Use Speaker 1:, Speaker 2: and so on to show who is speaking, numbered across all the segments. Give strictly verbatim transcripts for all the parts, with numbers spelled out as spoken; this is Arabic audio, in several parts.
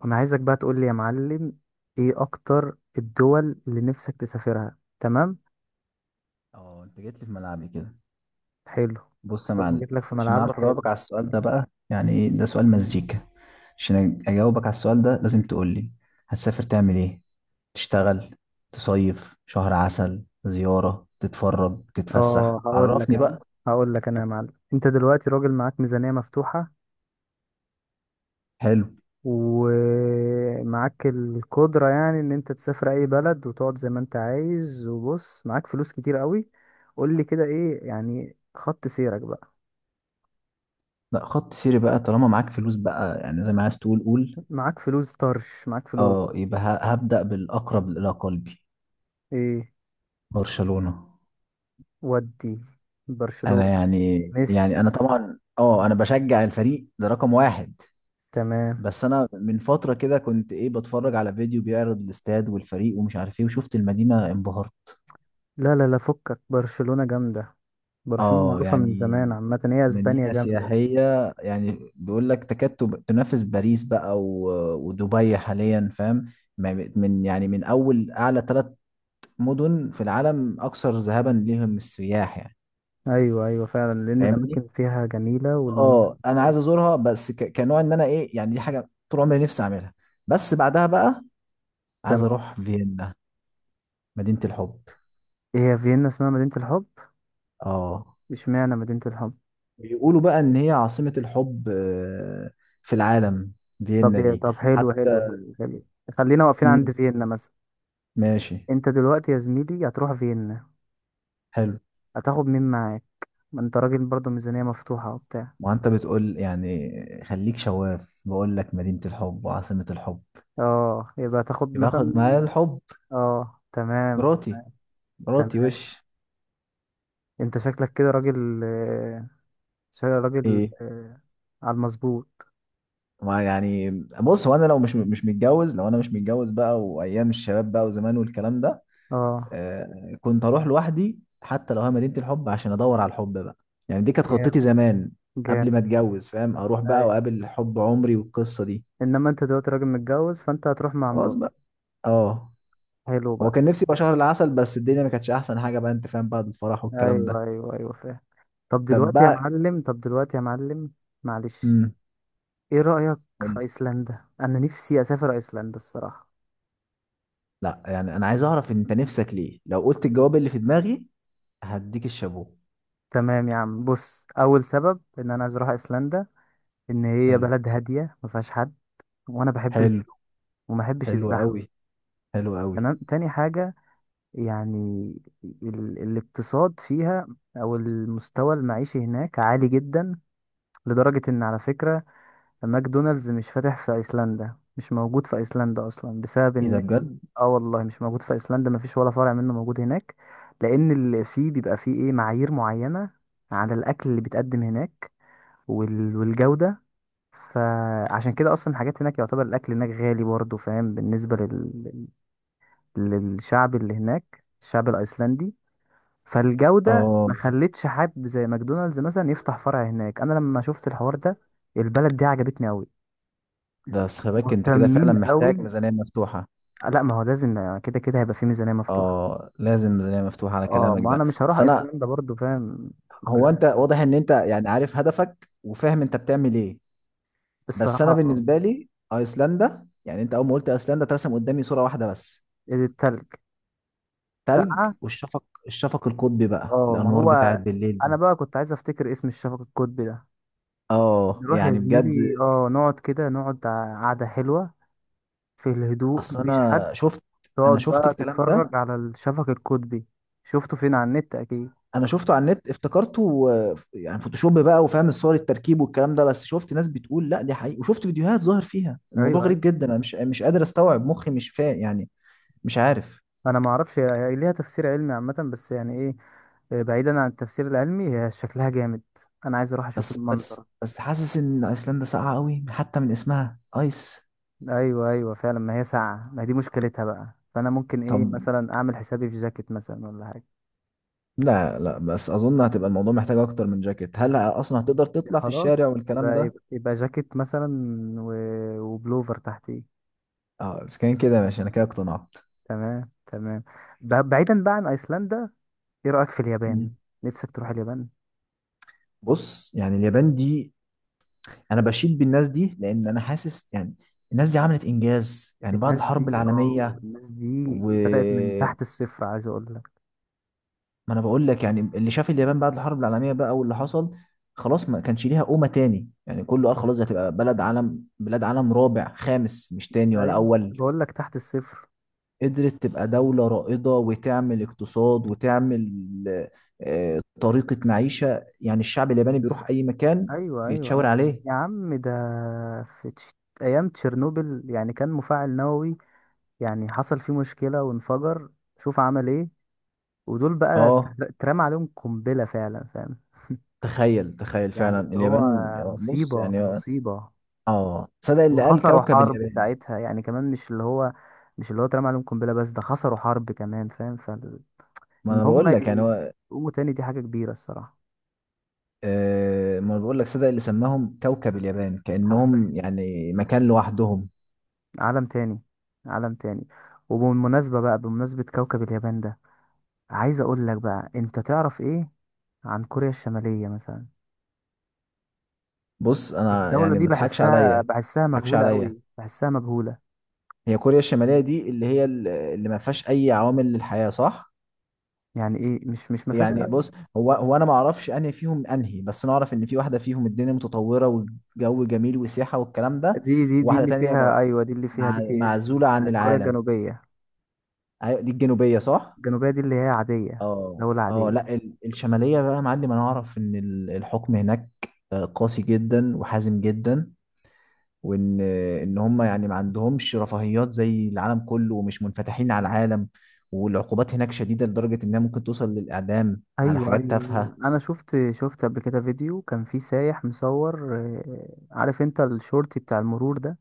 Speaker 1: وانا عايزك بقى تقول لي يا معلم، ايه اكتر الدول اللي نفسك تسافرها؟ تمام،
Speaker 2: اه انت جيت لي في ملعبي كده.
Speaker 1: حلو.
Speaker 2: بص يا
Speaker 1: لو ما
Speaker 2: معلم،
Speaker 1: جيت لك في
Speaker 2: عشان
Speaker 1: ملعبك
Speaker 2: اعرف
Speaker 1: حلو.
Speaker 2: اجاوبك على السؤال ده بقى، يعني ايه ده؟ سؤال مزيكا. عشان أج- اجاوبك على السؤال ده لازم تقول لي هتسافر تعمل ايه؟ تشتغل، تصيف، شهر عسل، زيارة، تتفرج، تتفسح؟
Speaker 1: اه، هقول لك
Speaker 2: عرفني
Speaker 1: انا
Speaker 2: بقى.
Speaker 1: هقول لك انا يا معلم، انت دلوقتي راجل معاك ميزانية مفتوحة
Speaker 2: حلو.
Speaker 1: ومعاك القدرة يعني ان انت تسافر اي بلد وتقعد زي ما انت عايز. وبص، معاك فلوس كتير قوي. قول لي كده، ايه يعني خط سيرك بقى؟
Speaker 2: لا، خط سيري بقى طالما معاك فلوس بقى، يعني زي ما عايز تقول قول.
Speaker 1: معاك فلوس طرش، معاك
Speaker 2: اه،
Speaker 1: فلوس.
Speaker 2: يبقى ه- هبدأ بالأقرب إلى قلبي:
Speaker 1: ايه؟
Speaker 2: برشلونة.
Speaker 1: ودي
Speaker 2: انا
Speaker 1: برشلونة.
Speaker 2: يعني
Speaker 1: ميسي.
Speaker 2: يعني انا طبعا، اه انا بشجع الفريق ده رقم واحد.
Speaker 1: تمام.
Speaker 2: بس انا من فتره كده كنت ايه، بتفرج على فيديو بيعرض الاستاد والفريق ومش عارف ايه، وشفت المدينه انبهرت.
Speaker 1: لا لا لا، فكك، برشلونة جامدة. برشلونة
Speaker 2: اه
Speaker 1: معروفة من زمان،
Speaker 2: يعني،
Speaker 1: عامة هي اسبانيا
Speaker 2: مدينه
Speaker 1: جامدة.
Speaker 2: سياحيه، يعني بيقول لك تكاد تب- تنافس باريس بقى و- ودبي حاليا، فاهم؟ ما- من يعني، من اول اعلى ثلاث مدن في العالم اكثر ذهابا ليهم السياح يعني.
Speaker 1: ايوه ايوه فعلا، لان
Speaker 2: فاهمني.
Speaker 1: الاماكن فيها جميلة والمناظر
Speaker 2: اه،
Speaker 1: فيها
Speaker 2: انا عايز
Speaker 1: حلوة.
Speaker 2: ازورها، بس ك- كنوع ان انا ايه، يعني دي حاجه طول عمري نفسي اعملها. بس بعدها بقى عايز
Speaker 1: تمام.
Speaker 2: اروح فيينا، مدينه الحب.
Speaker 1: هي فيينا اسمها مدينة الحب؟
Speaker 2: اه،
Speaker 1: اشمعنى مدينة الحب؟
Speaker 2: بيقولوا بقى ان هي عاصمة الحب آه، في العالم،
Speaker 1: طب
Speaker 2: فيينا
Speaker 1: يا-
Speaker 2: دي.
Speaker 1: طب، حلو
Speaker 2: حتى
Speaker 1: حلو حلو حلو. خلينا واقفين عند
Speaker 2: مم،
Speaker 1: فيينا مثلا.
Speaker 2: ماشي.
Speaker 1: انت دلوقتي يا زميلي هتروح فيينا،
Speaker 2: حلو.
Speaker 1: هتاخد مين معاك؟ ما انت راجل برضه ميزانية مفتوحة وبتاع.
Speaker 2: ما انت بتقول يعني، خليك شواف، بقول لك مدينة الحب وعاصمة الحب،
Speaker 1: اه، يبقى هتاخد
Speaker 2: يبقى
Speaker 1: مثلا.
Speaker 2: اخد معايا الحب.
Speaker 1: اه، تمام.
Speaker 2: مراتي. مراتي
Speaker 1: تمام،
Speaker 2: وش
Speaker 1: انت شكلك كده راجل، شاي راجل
Speaker 2: ايه؟
Speaker 1: آه، على المظبوط.
Speaker 2: ما يعني، بص، هو انا لو مش مش متجوز، لو انا مش متجوز بقى، وايام الشباب بقى وزمان والكلام ده،
Speaker 1: اه،
Speaker 2: آه، كنت اروح لوحدي حتى لو هي مدينة الحب، عشان ادور على الحب بقى. يعني دي كانت خطتي
Speaker 1: جامد
Speaker 2: زمان قبل ما
Speaker 1: جامد.
Speaker 2: اتجوز، فاهم؟ اروح بقى
Speaker 1: ايوه،
Speaker 2: واقابل حب عمري والقصة دي.
Speaker 1: انما انت دلوقتي راجل متجوز فانت هتروح مع
Speaker 2: خلاص
Speaker 1: مراتك.
Speaker 2: بقى. اه،
Speaker 1: حلو
Speaker 2: هو
Speaker 1: بقى.
Speaker 2: كان نفسي يبقى شهر العسل، بس الدنيا ما كانتش احسن حاجة بقى، انت فاهم، بعد الفرح والكلام ده.
Speaker 1: ايوه ايوه ايوه فاهم. طب
Speaker 2: طب
Speaker 1: دلوقتي يا
Speaker 2: بقى،
Speaker 1: معلم طب دلوقتي يا معلم معلش.
Speaker 2: امم
Speaker 1: ايه رأيك في
Speaker 2: قول.
Speaker 1: ايسلندا؟ انا نفسي اسافر ايسلندا الصراحة.
Speaker 2: لا يعني، انا عايز اعرف انت نفسك ليه. لو قلت الجواب اللي في دماغي هديك الشابوه.
Speaker 1: تمام يا عم، بص، اول سبب ان انا عايز اروح ايسلندا ان هي
Speaker 2: حلو.
Speaker 1: بلد هادية ما فيهاش حد، وانا بحب ال...
Speaker 2: حلو.
Speaker 1: وما بحبش
Speaker 2: حلو
Speaker 1: الزحمة.
Speaker 2: قوي. حلو قوي.
Speaker 1: تمام، تاني حاجة يعني، ال- الاقتصاد فيها او المستوى المعيشي هناك عالي جدا، لدرجة ان على فكرة ماكدونالدز مش فاتح في ايسلندا، مش موجود في ايسلندا اصلا بسبب
Speaker 2: ايه ده
Speaker 1: ان...
Speaker 2: بجد؟
Speaker 1: اه والله مش موجود في ايسلندا، مفيش ولا فرع منه موجود هناك، لان اللي فيه بيبقى فيه ايه، معايير معينة على الاكل اللي بيتقدم هناك وال- والجودة. فعشان كده اصلا الحاجات هناك، يعتبر الاكل هناك غالي برضه، فاهم؟ بالنسبة لل... للشعب اللي هناك، الشعب الايسلندي، فالجودة
Speaker 2: اه.
Speaker 1: ما خلتش حد زي ماكدونالدز مثلا يفتح فرع هناك. انا لما شفت الحوار ده البلد دي عجبتني قوي،
Speaker 2: ده بس خلي بالك، انت كده
Speaker 1: مهتمين
Speaker 2: فعلا
Speaker 1: قوي.
Speaker 2: محتاج ميزانية مفتوحة.
Speaker 1: لا ما هو لازم كده كده هيبقى في ميزانية مفتوحة.
Speaker 2: اه لازم ميزانية مفتوحة على
Speaker 1: اه
Speaker 2: كلامك
Speaker 1: ما
Speaker 2: ده.
Speaker 1: انا مش هروح
Speaker 2: بس انا،
Speaker 1: ايسلندا برضو فاهم من غير
Speaker 2: هو انت
Speaker 1: فلوس.
Speaker 2: واضح ان انت يعني عارف هدفك وفاهم انت بتعمل ايه. بس
Speaker 1: الصراحة
Speaker 2: انا
Speaker 1: آه،
Speaker 2: بالنسبة لي ايسلندا، يعني انت اول ما قلت ايسلندا ترسم قدامي صورة واحدة بس:
Speaker 1: التلج
Speaker 2: تلج.
Speaker 1: ساقعة.
Speaker 2: والشفق، الشفق القطبي بقى،
Speaker 1: اه ما
Speaker 2: الانوار
Speaker 1: هو،
Speaker 2: بتاعت بالليل
Speaker 1: انا
Speaker 2: دي.
Speaker 1: بقى كنت عايز افتكر اسم الشفق القطبي ده.
Speaker 2: اه
Speaker 1: نروح يا
Speaker 2: يعني بجد.
Speaker 1: زميلي، اه نقعد كده، نقعد قعدة حلوة في الهدوء،
Speaker 2: اصل
Speaker 1: مفيش حد،
Speaker 2: انا شفت، انا
Speaker 1: تقعد
Speaker 2: شفت
Speaker 1: بقى
Speaker 2: الكلام ده،
Speaker 1: تتفرج على الشفق القطبي. شفته فين، على النت اكيد.
Speaker 2: انا شفته على النت، افتكرته، آه، يعني فوتوشوب بقى، وفاهم الصور التركيب والكلام ده، بس شفت ناس بتقول لا دي حقيقي، وشفت فيديوهات ظاهر فيها الموضوع
Speaker 1: ايوه
Speaker 2: غريب
Speaker 1: ايوه.
Speaker 2: جدا، انا مش مش قادر استوعب، مخي مش فاهم يعني، مش عارف.
Speaker 1: انا ما اعرفش، هي هي ليها تفسير علمي عامه، بس يعني ايه، آه، بعيدا عن التفسير العلمي هي شكلها جامد، انا عايز اروح اشوف
Speaker 2: بس بس
Speaker 1: المنظر.
Speaker 2: بس حاسس ان ايسلندا ساقعه قوي، حتى من اسمها، ايس.
Speaker 1: ايوه ايوه فعلا، ما هي ساعه، ما دي مشكلتها بقى، فانا ممكن
Speaker 2: طب،
Speaker 1: ايه مثلا اعمل حسابي في جاكيت مثلا ولا حاجه.
Speaker 2: لا لا، بس اظن هتبقى الموضوع محتاج اكتر من جاكيت، هل اصلا هتقدر تطلع في
Speaker 1: خلاص،
Speaker 2: الشارع والكلام
Speaker 1: يبقى
Speaker 2: ده؟
Speaker 1: يبقى, يبقى جاكيت مثلا و... وبلوفر تحتيه.
Speaker 2: اه اذا كان كده ماشي، انا كده اقتنعت.
Speaker 1: تمام تمام. ب- بعيدا بقى عن ايسلندا، ايه رايك في اليابان؟
Speaker 2: مم.
Speaker 1: نفسك تروح اليابان؟
Speaker 2: بص يعني، اليابان دي انا بشيد بالناس دي، لان انا حاسس يعني الناس دي عملت انجاز يعني بعد
Speaker 1: الناس
Speaker 2: الحرب
Speaker 1: دي، اه
Speaker 2: العالميه.
Speaker 1: الناس دي
Speaker 2: و،
Speaker 1: بدأت من تحت الصفر، عايز اقول لك.
Speaker 2: ما انا بقول لك يعني، اللي شاف اليابان بعد الحرب العالميه بقى واللي حصل، خلاص ما كانش ليها قومه تاني يعني، كله قال خلاص دي هتبقى بلد عالم، بلاد عالم رابع خامس، مش تاني ولا
Speaker 1: ايوه،
Speaker 2: اول.
Speaker 1: بقول لك تحت الصفر.
Speaker 2: قدرت تبقى دوله رائده، وتعمل اقتصاد، وتعمل آه، طريقه معيشه، يعني الشعب الياباني بيروح اي مكان
Speaker 1: ايوه ايوه
Speaker 2: بيتشاور
Speaker 1: ايوه،
Speaker 2: عليه.
Speaker 1: يا عم ده في تش... ايام تشيرنوبل، يعني كان مفاعل نووي يعني حصل فيه مشكلة وانفجر، شوف عمل ايه. ودول بقى
Speaker 2: اه
Speaker 1: تر- اترمى عليهم قنبلة فعلا فاهم.
Speaker 2: تخيل، تخيل
Speaker 1: يعني
Speaker 2: فعلا
Speaker 1: اللي هو
Speaker 2: اليابان. بص
Speaker 1: مصيبة
Speaker 2: يعني،
Speaker 1: مصيبة.
Speaker 2: اه صدق اللي قال
Speaker 1: وخسروا
Speaker 2: كوكب
Speaker 1: حرب
Speaker 2: اليابان.
Speaker 1: ساعتها يعني كمان، مش اللي هو، مش اللي هو اترمى عليهم قنبلة بس، ده خسروا حرب كمان فاهم.
Speaker 2: ما
Speaker 1: ان
Speaker 2: انا
Speaker 1: هم
Speaker 2: بقول لك يعني، هو
Speaker 1: يقوموا تاني دي حاجة كبيرة الصراحة.
Speaker 2: آه، ما أنا بقول لك، صدق اللي سماهم كوكب اليابان،
Speaker 1: حرفيا
Speaker 2: كأنهم يعني مكان لوحدهم.
Speaker 1: عالم تاني، عالم تاني. وبالمناسبة بقى، بمناسبة كوكب اليابان ده، عايز اقول لك بقى انت تعرف ايه عن كوريا الشمالية مثلا؟
Speaker 2: بص انا
Speaker 1: الدولة
Speaker 2: يعني،
Speaker 1: دي
Speaker 2: ما تضحكش عليا،
Speaker 1: بحسها
Speaker 2: ما
Speaker 1: بحسها
Speaker 2: تضحكش
Speaker 1: مجهولة
Speaker 2: عليا،
Speaker 1: قوي، بحسها مجهولة.
Speaker 2: هي كوريا الشمالية دي اللي هي ال- اللي ما فيهاش اي عوامل للحياة، صح؟
Speaker 1: يعني ايه مش مش ما فيهاش.
Speaker 2: يعني بص، هو هو انا ما اعرفش انهي فيهم انهي، بس انا اعرف ان في واحدة فيهم الدنيا متطورة والجو جميل وسياحة والكلام ده،
Speaker 1: دي دي دي
Speaker 2: وواحدة
Speaker 1: اللي
Speaker 2: تانية
Speaker 1: فيها،
Speaker 2: م-
Speaker 1: ايوه دي اللي فيها بي
Speaker 2: مع-
Speaker 1: تي اس
Speaker 2: معزولة عن
Speaker 1: بتاعت كوريا
Speaker 2: العالم.
Speaker 1: الجنوبية.
Speaker 2: أيوة، دي الجنوبية صح.
Speaker 1: الجنوبية دي اللي هي عادية،
Speaker 2: اه
Speaker 1: دولة
Speaker 2: اه،
Speaker 1: عادية.
Speaker 2: لا ال- الشمالية بقى يا معلم، انا اعرف ان ال- الحكم هناك آه، قاسي جدا وحازم جدا، وان آه، ان هم يعني ما عندهمش رفاهيات زي العالم كله، ومش منفتحين على العالم، والعقوبات هناك شديدة لدرجة انها ممكن توصل للاعدام على
Speaker 1: ايوه
Speaker 2: حاجات
Speaker 1: ايوه أيوة.
Speaker 2: تافهة.
Speaker 1: انا شفت شفت قبل كده فيديو كان فيه سايح مصور آه، عارف انت الشورت بتاع المرور ده،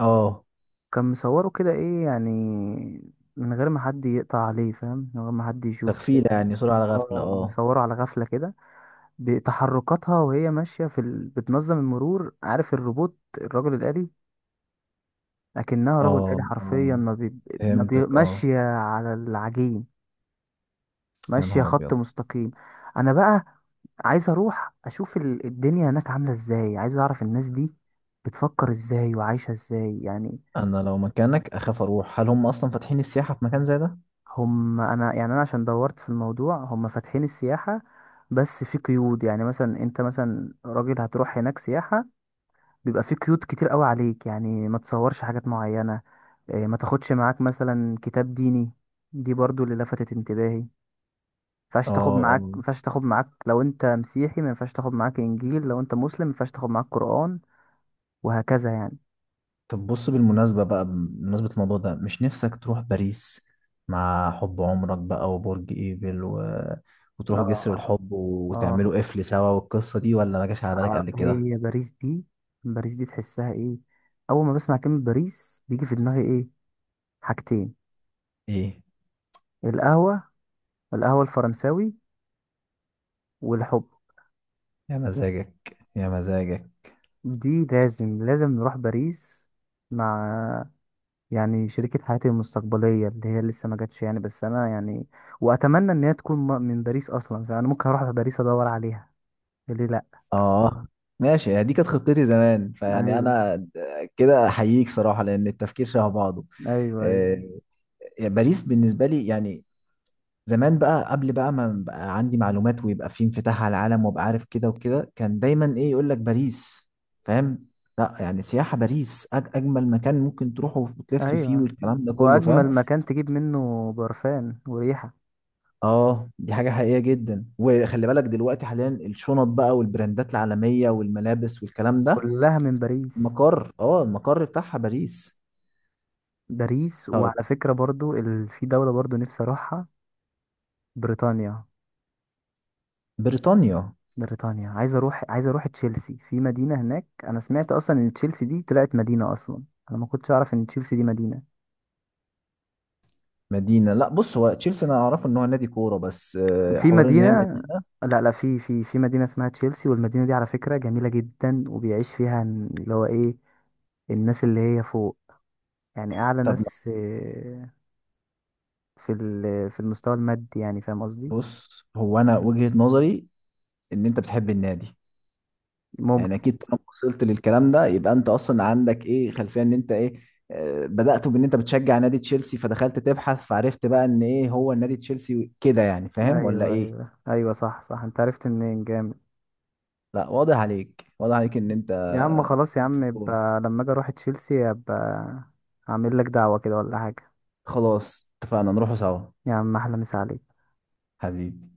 Speaker 2: اه
Speaker 1: كان مصوره كده، ايه يعني، من غير ما حد يقطع عليه فاهم، من غير ما حد يشوفه
Speaker 2: تغفيلة
Speaker 1: كده.
Speaker 2: يعني، صورة على غفلة،
Speaker 1: اه
Speaker 2: اه
Speaker 1: مصوره على غفله كده، بتحركاتها وهي ماشيه في ال... بتنظم المرور، عارف الروبوت الرجل الآلي؟ لكنها رجل
Speaker 2: اه
Speaker 1: آلي
Speaker 2: اه،
Speaker 1: حرفيا، ما بي... ما بي...
Speaker 2: فهمتك اه.
Speaker 1: ماشيه على العجين،
Speaker 2: يا
Speaker 1: ماشية
Speaker 2: نهار
Speaker 1: خط
Speaker 2: ابيض.
Speaker 1: مستقيم. انا بقى عايز اروح اشوف ال- الدنيا هناك عاملة ازاي، عايز اعرف الناس دي بتفكر ازاي وعايشة ازاي يعني.
Speaker 2: انا لو مكانك اخاف اروح، هل هم اصلا فاتحين السياحة في مكان زي ده؟
Speaker 1: هم، انا يعني انا عشان دورت في الموضوع، هم فاتحين السياحة، بس في قيود، يعني مثلا انت مثلا راجل هتروح هناك سياحة، بيبقى في قيود كتير قوي عليك، يعني ما تصورش حاجات معينة، إيه، ما تاخدش معاك مثلا كتاب ديني. دي برضو اللي لفتت انتباهي، ينفعش
Speaker 2: اه
Speaker 1: تاخد
Speaker 2: اه.
Speaker 1: معاك، ما ينفعش تاخد معاك لو انت مسيحي ما ينفعش تاخد معاك انجيل، لو انت مسلم ما ينفعش تاخد معاك قرآن، وهكذا يعني.
Speaker 2: طب بص، بالمناسبة بقى، بمناسبة الموضوع ده، مش نفسك تروح باريس مع حب عمرك بقى، وبرج ايفل و... وتروحوا جسر
Speaker 1: اه
Speaker 2: الحب
Speaker 1: اه.
Speaker 2: وتعملوا قفل سوا والقصة دي؟ ولا ما جاش على بالك
Speaker 1: آه،
Speaker 2: قبل كده؟
Speaker 1: هي باريس دي، باريس دي تحسها ايه؟ اول ما بسمع كلمة باريس بيجي في دماغي ايه، حاجتين،
Speaker 2: ايه.
Speaker 1: القهوة، القهوة الفرنساوي، والحب.
Speaker 2: يا مزاجك، يا مزاجك.
Speaker 1: دي لازم لازم نروح باريس مع، يعني شريكة حياتي المستقبلية اللي هي لسه ما جاتش يعني، بس انا يعني واتمنى ان هي تكون م- من باريس اصلا، فانا ممكن اروح باريس ادور عليها، ليه لا.
Speaker 2: اه ماشي، هي دي كانت خطتي زمان، فيعني
Speaker 1: ايوه
Speaker 2: انا كده احييك صراحة، لان التفكير شبه بعضه.
Speaker 1: ايوه ايوه
Speaker 2: آه، يعني باريس بالنسبة لي يعني زمان بقى، قبل بقى ما بقى عندي معلومات ويبقى في انفتاح على العالم وابقى عارف كده وكده، كان دايما ايه، يقول لك باريس، فاهم؟ لا يعني سياحة، باريس أج أجمل مكان ممكن تروحه وتلف فيه
Speaker 1: ايوه،
Speaker 2: والكلام ده كله، فاهم؟
Speaker 1: واجمل مكان تجيب منه برفان وريحه،
Speaker 2: اه، دي حاجة حقيقية جدا. وخلي بالك دلوقتي، حاليا الشنط بقى والبراندات العالمية والملابس والكلام ده،
Speaker 1: كلها من باريس.
Speaker 2: مقر، اه، المقر بتاعها باريس.
Speaker 1: باريس،
Speaker 2: طب
Speaker 1: وعلى فكره برضو ال... في دوله برضو نفسي اروحها، بريطانيا.
Speaker 2: بريطانيا.
Speaker 1: بريطانيا. عايز اروح عايز اروح تشيلسي، في مدينه هناك، انا سمعت اصلا ان تشيلسي دي طلعت مدينه اصلا، انا ما كنتش اعرف ان تشيلسي دي مدينه،
Speaker 2: مدينة؟ لا بص، هو تشيلسي انا اعرفه ان هو نادي كورة، بس آه،
Speaker 1: في
Speaker 2: حوار ان هي
Speaker 1: مدينه،
Speaker 2: مدينة.
Speaker 1: لا لا، في في في مدينه اسمها تشيلسي، والمدينه دي على فكره جميله جدا، وبيعيش فيها اللي هو ايه، الناس اللي هي فوق، يعني اعلى
Speaker 2: طب
Speaker 1: ناس في ال- في المستوى المادي يعني، فاهم قصدي؟
Speaker 2: بص، هو انا وجهة نظري ان انت بتحب النادي. يعني
Speaker 1: ممكن.
Speaker 2: اكيد طالما وصلت للكلام ده يبقى انت اصلا عندك ايه، خلفية، ان انت ايه، آه، بدأت بان انت بتشجع نادي تشيلسي فدخلت تبحث، فعرفت بقى ان ايه هو النادي تشيلسي كده، يعني فاهم ولا
Speaker 1: ايوه
Speaker 2: ايه؟
Speaker 1: ايوه ايوه صح صح، انت عرفت منين؟ جامد.
Speaker 2: لا واضح عليك، واضح عليك ان انت
Speaker 1: يا عم خلاص يا
Speaker 2: في
Speaker 1: عم،
Speaker 2: الكورة.
Speaker 1: يبقى لما اجي اروح تشيلسي ابقى اعمل لك دعوة كده ولا حاجة.
Speaker 2: خلاص اتفقنا نروحوا سوا.
Speaker 1: يا عم احلى مسا عليك.
Speaker 2: حبيبي.